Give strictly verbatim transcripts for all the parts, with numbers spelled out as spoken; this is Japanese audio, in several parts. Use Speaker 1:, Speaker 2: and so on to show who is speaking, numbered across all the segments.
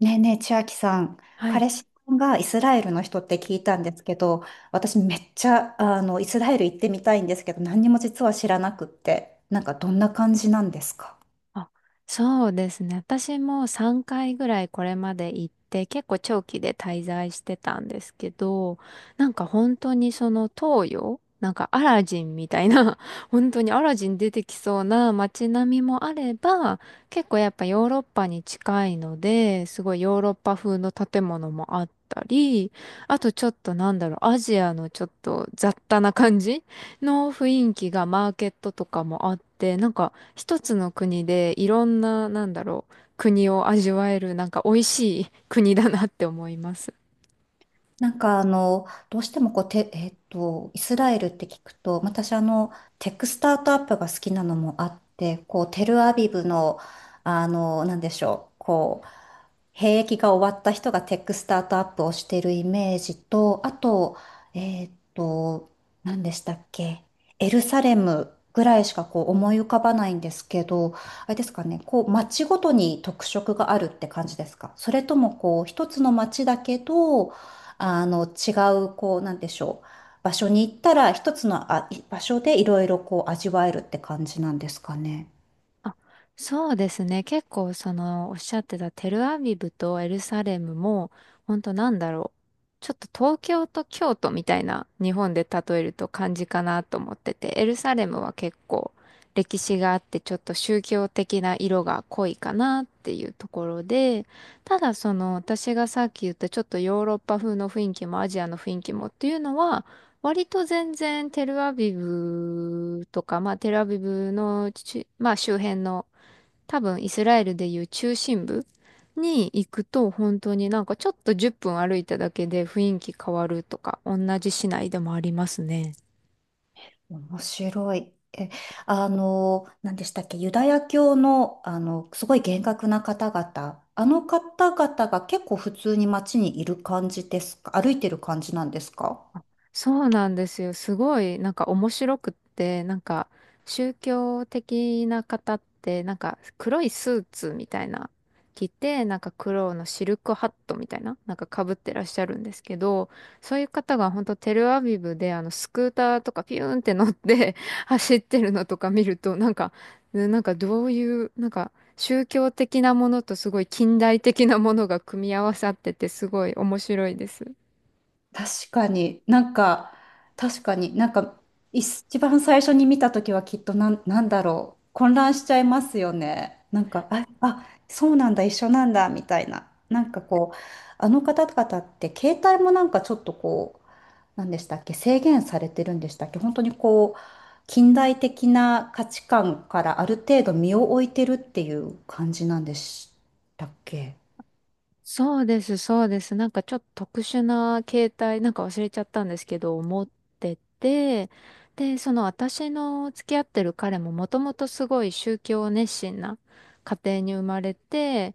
Speaker 1: ねえねえ、千秋さん、
Speaker 2: はい。
Speaker 1: 彼氏さんがイスラエルの人って聞いたんですけど、私めっちゃ、あの、イスラエル行ってみたいんですけど、何にも実は知らなくって、なんかどんな感じなんですか？
Speaker 2: あ、そうですね。私もさんかいぐらいこれまで行って、結構長期で滞在してたんですけど、なんか本当にその東洋、なんかアラジンみたいな、本当にアラジン出てきそうな街並みもあれば、結構やっぱヨーロッパに近いので、すごいヨーロッパ風の建物もあったり、あとちょっとなんだろう、アジアのちょっと雑多な感じの雰囲気がマーケットとかもあって、なんか一つの国でいろんな、なんだろう、国を味わえる、なんか美味しい国だなって思います。
Speaker 1: なんかあの、どうしてもこう、て、えっと、イスラエルって聞くと、私あの、テックスタートアップが好きなのもあって、こう、テルアビブの、あの、なんでしょう、こう、兵役が終わった人がテックスタートアップをしてるイメージと、あと、えーっと、何でしたっけ、エルサレムぐらいしかこう思い浮かばないんですけど、あれですかね、こう街ごとに特色があるって感じですか、それともこう一つの街だけど、あの違うこうなんでしょう、場所に行ったら一つのあい場所でいろいろこう味わえるって感じなんですかね。
Speaker 2: あ、そうですね。結構そのおっしゃってたテルアビブとエルサレムも本当なんだろう。ちょっと東京と京都みたいな日本で例えると感じかなと思ってて、エルサレムは結構歴史があってちょっと宗教的な色が濃いかなっていうところで、ただその私がさっき言ったちょっとヨーロッパ風の雰囲気もアジアの雰囲気もっていうのは割と全然テルアビブとか、まあテルアビブのち、まあ周辺の多分イスラエルでいう中心部に行くと本当になんかちょっとじゅっぷん歩いただけで雰囲気変わるとか同じ市内でもありますね。
Speaker 1: 面白い。え、あの、何でしたっけ、ユダヤ教の、あの、すごい厳格な方々、あの方々が結構普通に街にいる感じですか、歩いてる感じなんですか？
Speaker 2: そうなんですよ。すごい、なんか面白くって、なんか宗教的な方って、なんか黒いスーツみたいな着て、なんか黒のシルクハットみたいな、なんか被ってらっしゃるんですけど、そういう方が本当テルアビブであのスクーターとかピューンって乗って 走ってるのとか見ると、なんか、ねなんかどういう、なんか宗教的なものとすごい近代的なものが組み合わさってて、すごい面白いです。
Speaker 1: 確かになんか、確かになんか、一番最初に見たときはきっとなん、なんだろう、混乱しちゃいますよね。なんか、あ、あ、そうなんだ、一緒なんだ、みたいな。なんかこう、あの方々って携帯もなんかちょっとこう、何でしたっけ、制限されてるんでしたっけ、本当にこう、近代的な価値観からある程度身を置いてるっていう感じなんでしたっけ。
Speaker 2: そうです、そうです。なんかちょっと特殊な携帯、なんか忘れちゃったんですけど、持ってて、で、その私の付き合ってる彼ももともとすごい宗教熱心な家庭に生まれて、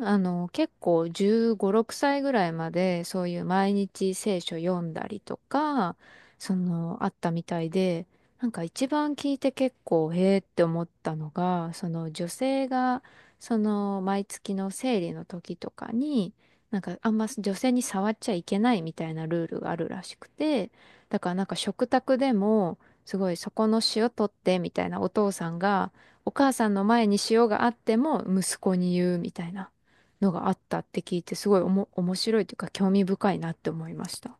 Speaker 2: あの、結構じゅうご、ろくさいぐらいまでそういう毎日聖書読んだりとか、その、あったみたいで、なんか一番聞いて結構、へえって思ったのが、その女性がその毎月の生理の時とかに、なんかあんま女性に触っちゃいけないみたいなルールがあるらしくて、だからなんか食卓でも、すごいそこの塩取ってみたいなお父さんが、お母さんの前に塩があっても息子に言うみたいなのがあったって聞いて、すごいおも面白いというか興味深いなって思いました。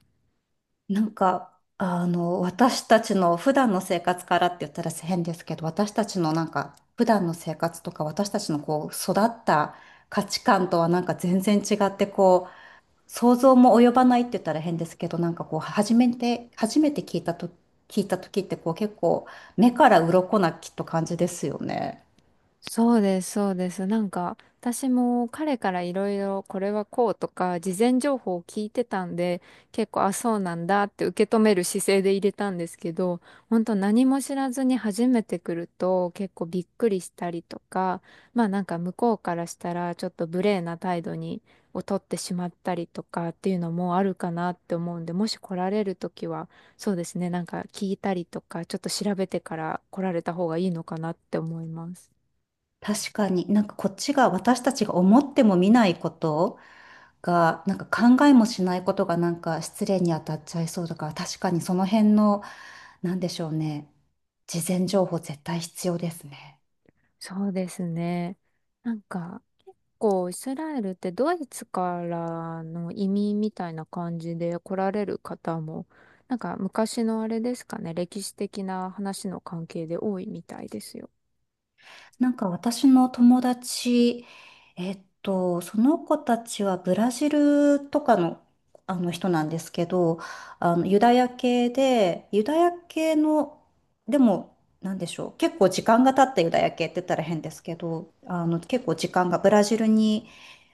Speaker 1: なんか、あの、私たちの普段の生活からって言ったら変ですけど、私たちのなんか、普段の生活とか、私たちのこう、育った価値観とはなんか全然違って、こう、想像も及ばないって言ったら変ですけど、なんかこう、初めて、初めて聞いたと、聞いた時ってこう、結構、目から鱗なきっと感じですよね。
Speaker 2: そうです、そうです。なんか、私も彼からいろいろこれはこうとか、事前情報を聞いてたんで、結構、あ、そうなんだって受け止める姿勢で入れたんですけど、本当何も知らずに初めて来ると結構びっくりしたりとか、まあなんか向こうからしたらちょっと無礼な態度に、を取ってしまったりとかっていうのもあるかなって思うんで、もし来られるときは、そうですね、なんか聞いたりとか、ちょっと調べてから来られた方がいいのかなって思います。
Speaker 1: 確かに、なんかこっちが、私たちが思っても見ないことが、なんか考えもしないことがなんか失礼に当たっちゃいそうだから、確かにその辺の、なんでしょうね、事前情報絶対必要ですね。
Speaker 2: そうですね。なんか、結構イスラエルってドイツからの移民みたいな感じで来られる方も、なんか昔のあれですかね、歴史的な話の関係で多いみたいですよ。
Speaker 1: なんか私の友達、えっと、その子たちはブラジルとかの、あの人なんですけど、あのユダヤ系で、ユダヤ系の、でも、なんでしょう、結構時間が経ったユダヤ系って言ったら変ですけど、あの結構時間がブラジルに、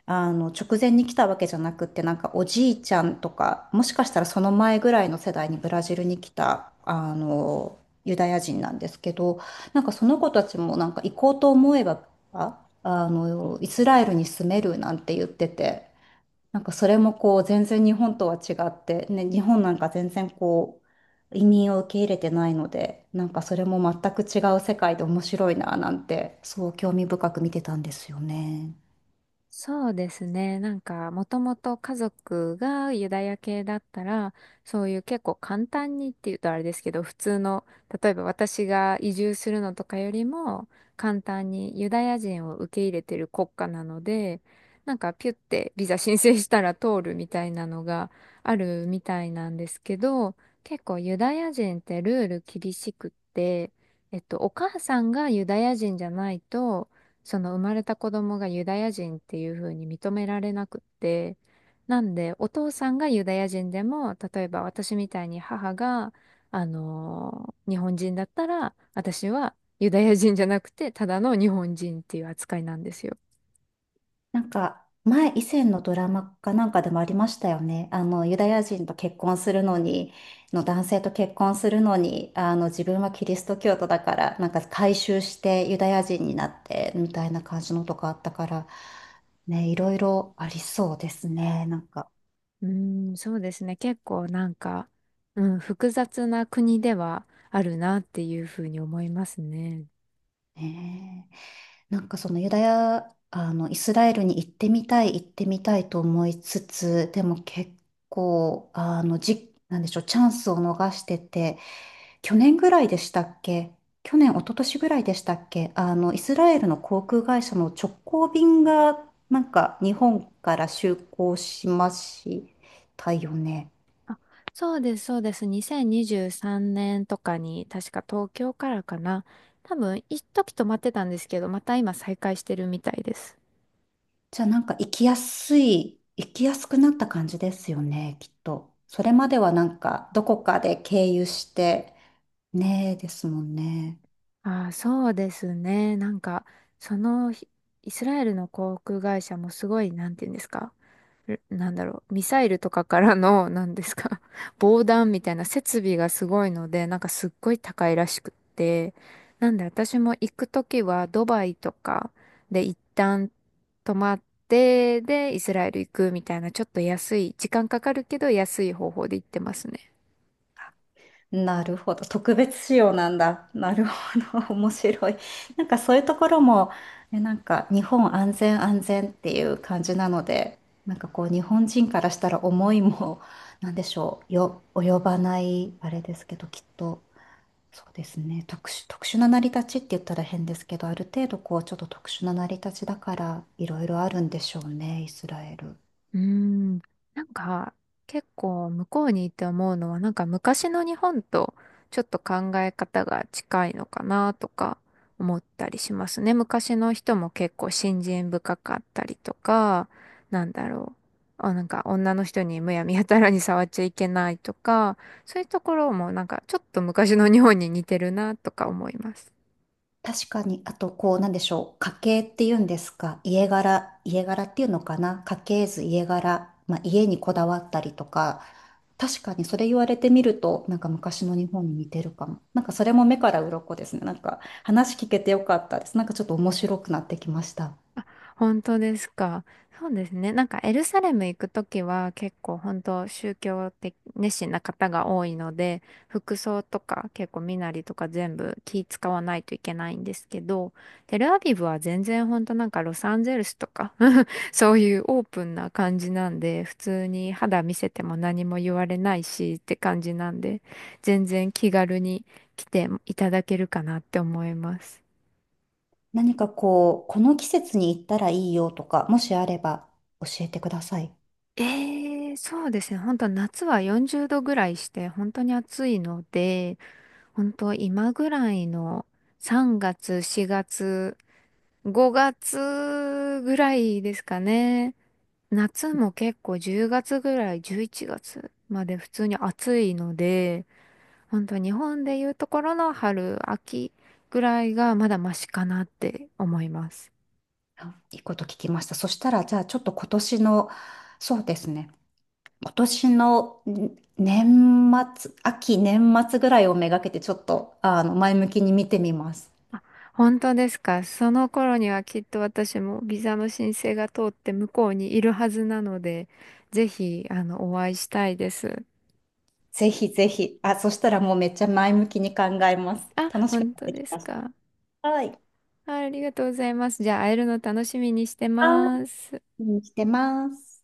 Speaker 1: あの、直前に来たわけじゃなくって、なんかおじいちゃんとか、もしかしたらその前ぐらいの世代にブラジルに来た、あの、ユダヤ人なんですけど、なんかその子たちもなんか行こうと思えば、ああの、イスラエルに住めるなんて言ってて、なんかそれもこう全然日本とは違って、ね、日本なんか全然こう移民を受け入れてないので、なんかそれも全く違う世界で面白いななんて、そう興味深く見てたんですよね。
Speaker 2: そうですね。なんか、もともと家族がユダヤ系だったら、そういう結構簡単にっていうとあれですけど、普通の、例えば私が移住するのとかよりも、簡単にユダヤ人を受け入れてる国家なので、なんかピュってビザ申請したら通るみたいなのがあるみたいなんですけど、結構ユダヤ人ってルール厳しくって、えっと、お母さんがユダヤ人じゃないと、その生まれた子供がユダヤ人っていう風に認められなくって、なんでお父さんがユダヤ人でも、例えば私みたいに母が、あのー日本人だったら、私はユダヤ人じゃなくて、ただの日本人っていう扱いなんですよ。
Speaker 1: なんか、前、以前のドラマかなんかでもありましたよね。あの、ユダヤ人と結婚するのに、の男性と結婚するのに、あの、自分はキリスト教徒だから、なんか改宗してユダヤ人になって、みたいな感じのとかあったから、ね、いろいろありそうですね。なんか、
Speaker 2: うーん、そうですね。結構なんか、うん、複雑な国ではあるなっていう風に思いますね。
Speaker 1: ねえ。なんかそのユダヤ、あの、イスラエルに行ってみたい、行ってみたいと思いつつ、でも結構、あの、じ、なんでしょう、チャンスを逃してて、去年ぐらいでしたっけ、去年、一昨年ぐらいでしたっけ、あの、イスラエルの航空会社の直行便が、なんか、日本から就航しましたよね。
Speaker 2: あ、そうです、そうです。にせんにじゅうさんねんとかに、確か東京からかな。多分、一時止まってたんですけど、また今再開してるみたいです。
Speaker 1: じゃあ、なんか、行きやすい、行きやすくなった感じですよね、きっと。それまでは、なんか、どこかで経由して、ねえ、ですもんね。
Speaker 2: ああ、そうですね。なんか、そのひ、イスラエルの航空会社もすごい、なんていうんですか。なんだろう、ミサイルとかからの、なんですか、防弾みたいな設備がすごいので、なんかすっごい高いらしくって、なんで私も行くときはドバイとかで一旦泊まって、で、イスラエル行くみたいな、ちょっと安い、時間かかるけど安い方法で行ってますね。
Speaker 1: なるほど。特別仕様なんだ。なるほど。面白い。なんかそういうところも、え、なんか日本安全安全っていう感じなので、なんかこう日本人からしたら思いも、なんでしょう、よ、及ばない、あれですけど、きっと、そうですね。特殊、特殊な成り立ちって言ったら変ですけど、ある程度こうちょっと特殊な成り立ちだから、いろいろあるんでしょうね、イスラエル。
Speaker 2: うーん、なんか結構向こうにいて思うのはなんか昔の日本とちょっと考え方が近いのかなとか思ったりしますね。昔の人も結構信心深かったりとか、なんだろう。あ、なんか女の人にむやみやたらに触っちゃいけないとか、そういうところもなんかちょっと昔の日本に似てるなとか思います。
Speaker 1: 確かに、あと、こう、なんでしょう。家系っていうんですか。家柄、家柄っていうのかな。家系図、家柄。まあ、家にこだわったりとか。確かに、それ言われてみると、なんか昔の日本に似てるかも。なんかそれも目から鱗ですね。なんか話聞けてよかったです。なんかちょっと面白くなってきました。
Speaker 2: 本当ですか。そうですね。なんかエルサレム行くときは結構本当宗教的熱心な方が多いので、服装とか結構身なりとか全部気使わないといけないんですけど、テルアビブは全然本当なんかロサンゼルスとか そういうオープンな感じなんで、普通に肌見せても何も言われないしって感じなんで、全然気軽に来ていただけるかなって思います。
Speaker 1: 何かこう、この季節に行ったらいいよとか、もしあれば教えてください。
Speaker 2: ええ、そうですね。本当夏はよんじゅうどぐらいして、本当に暑いので、本当今ぐらいのさんがつ、しがつ、ごがつぐらいですかね。夏も結構じゅうがつぐらい、じゅういちがつまで普通に暑いので、本当日本でいうところの春、秋ぐらいがまだマシかなって思います。
Speaker 1: あ、いいこと聞きました。そしたら、じゃあちょっと今年の、そうですね、今年の年末、秋、年末ぐらいをめがけてちょっと、あの、前向きに見てみます。
Speaker 2: 本当ですか。その頃にはきっと私もビザの申請が通って向こうにいるはずなので、ぜひ、あの、お会いしたいです。
Speaker 1: ぜひぜひ。あ、そしたらもうめっちゃ前向きに考えます。
Speaker 2: あ、
Speaker 1: 楽しく
Speaker 2: 本
Speaker 1: なっ
Speaker 2: 当
Speaker 1: てき
Speaker 2: です
Speaker 1: まし
Speaker 2: か。
Speaker 1: た。はい。
Speaker 2: あ、ありがとうございます。じゃあ、会えるの楽しみにして
Speaker 1: あ
Speaker 2: ます。
Speaker 1: ーしてます。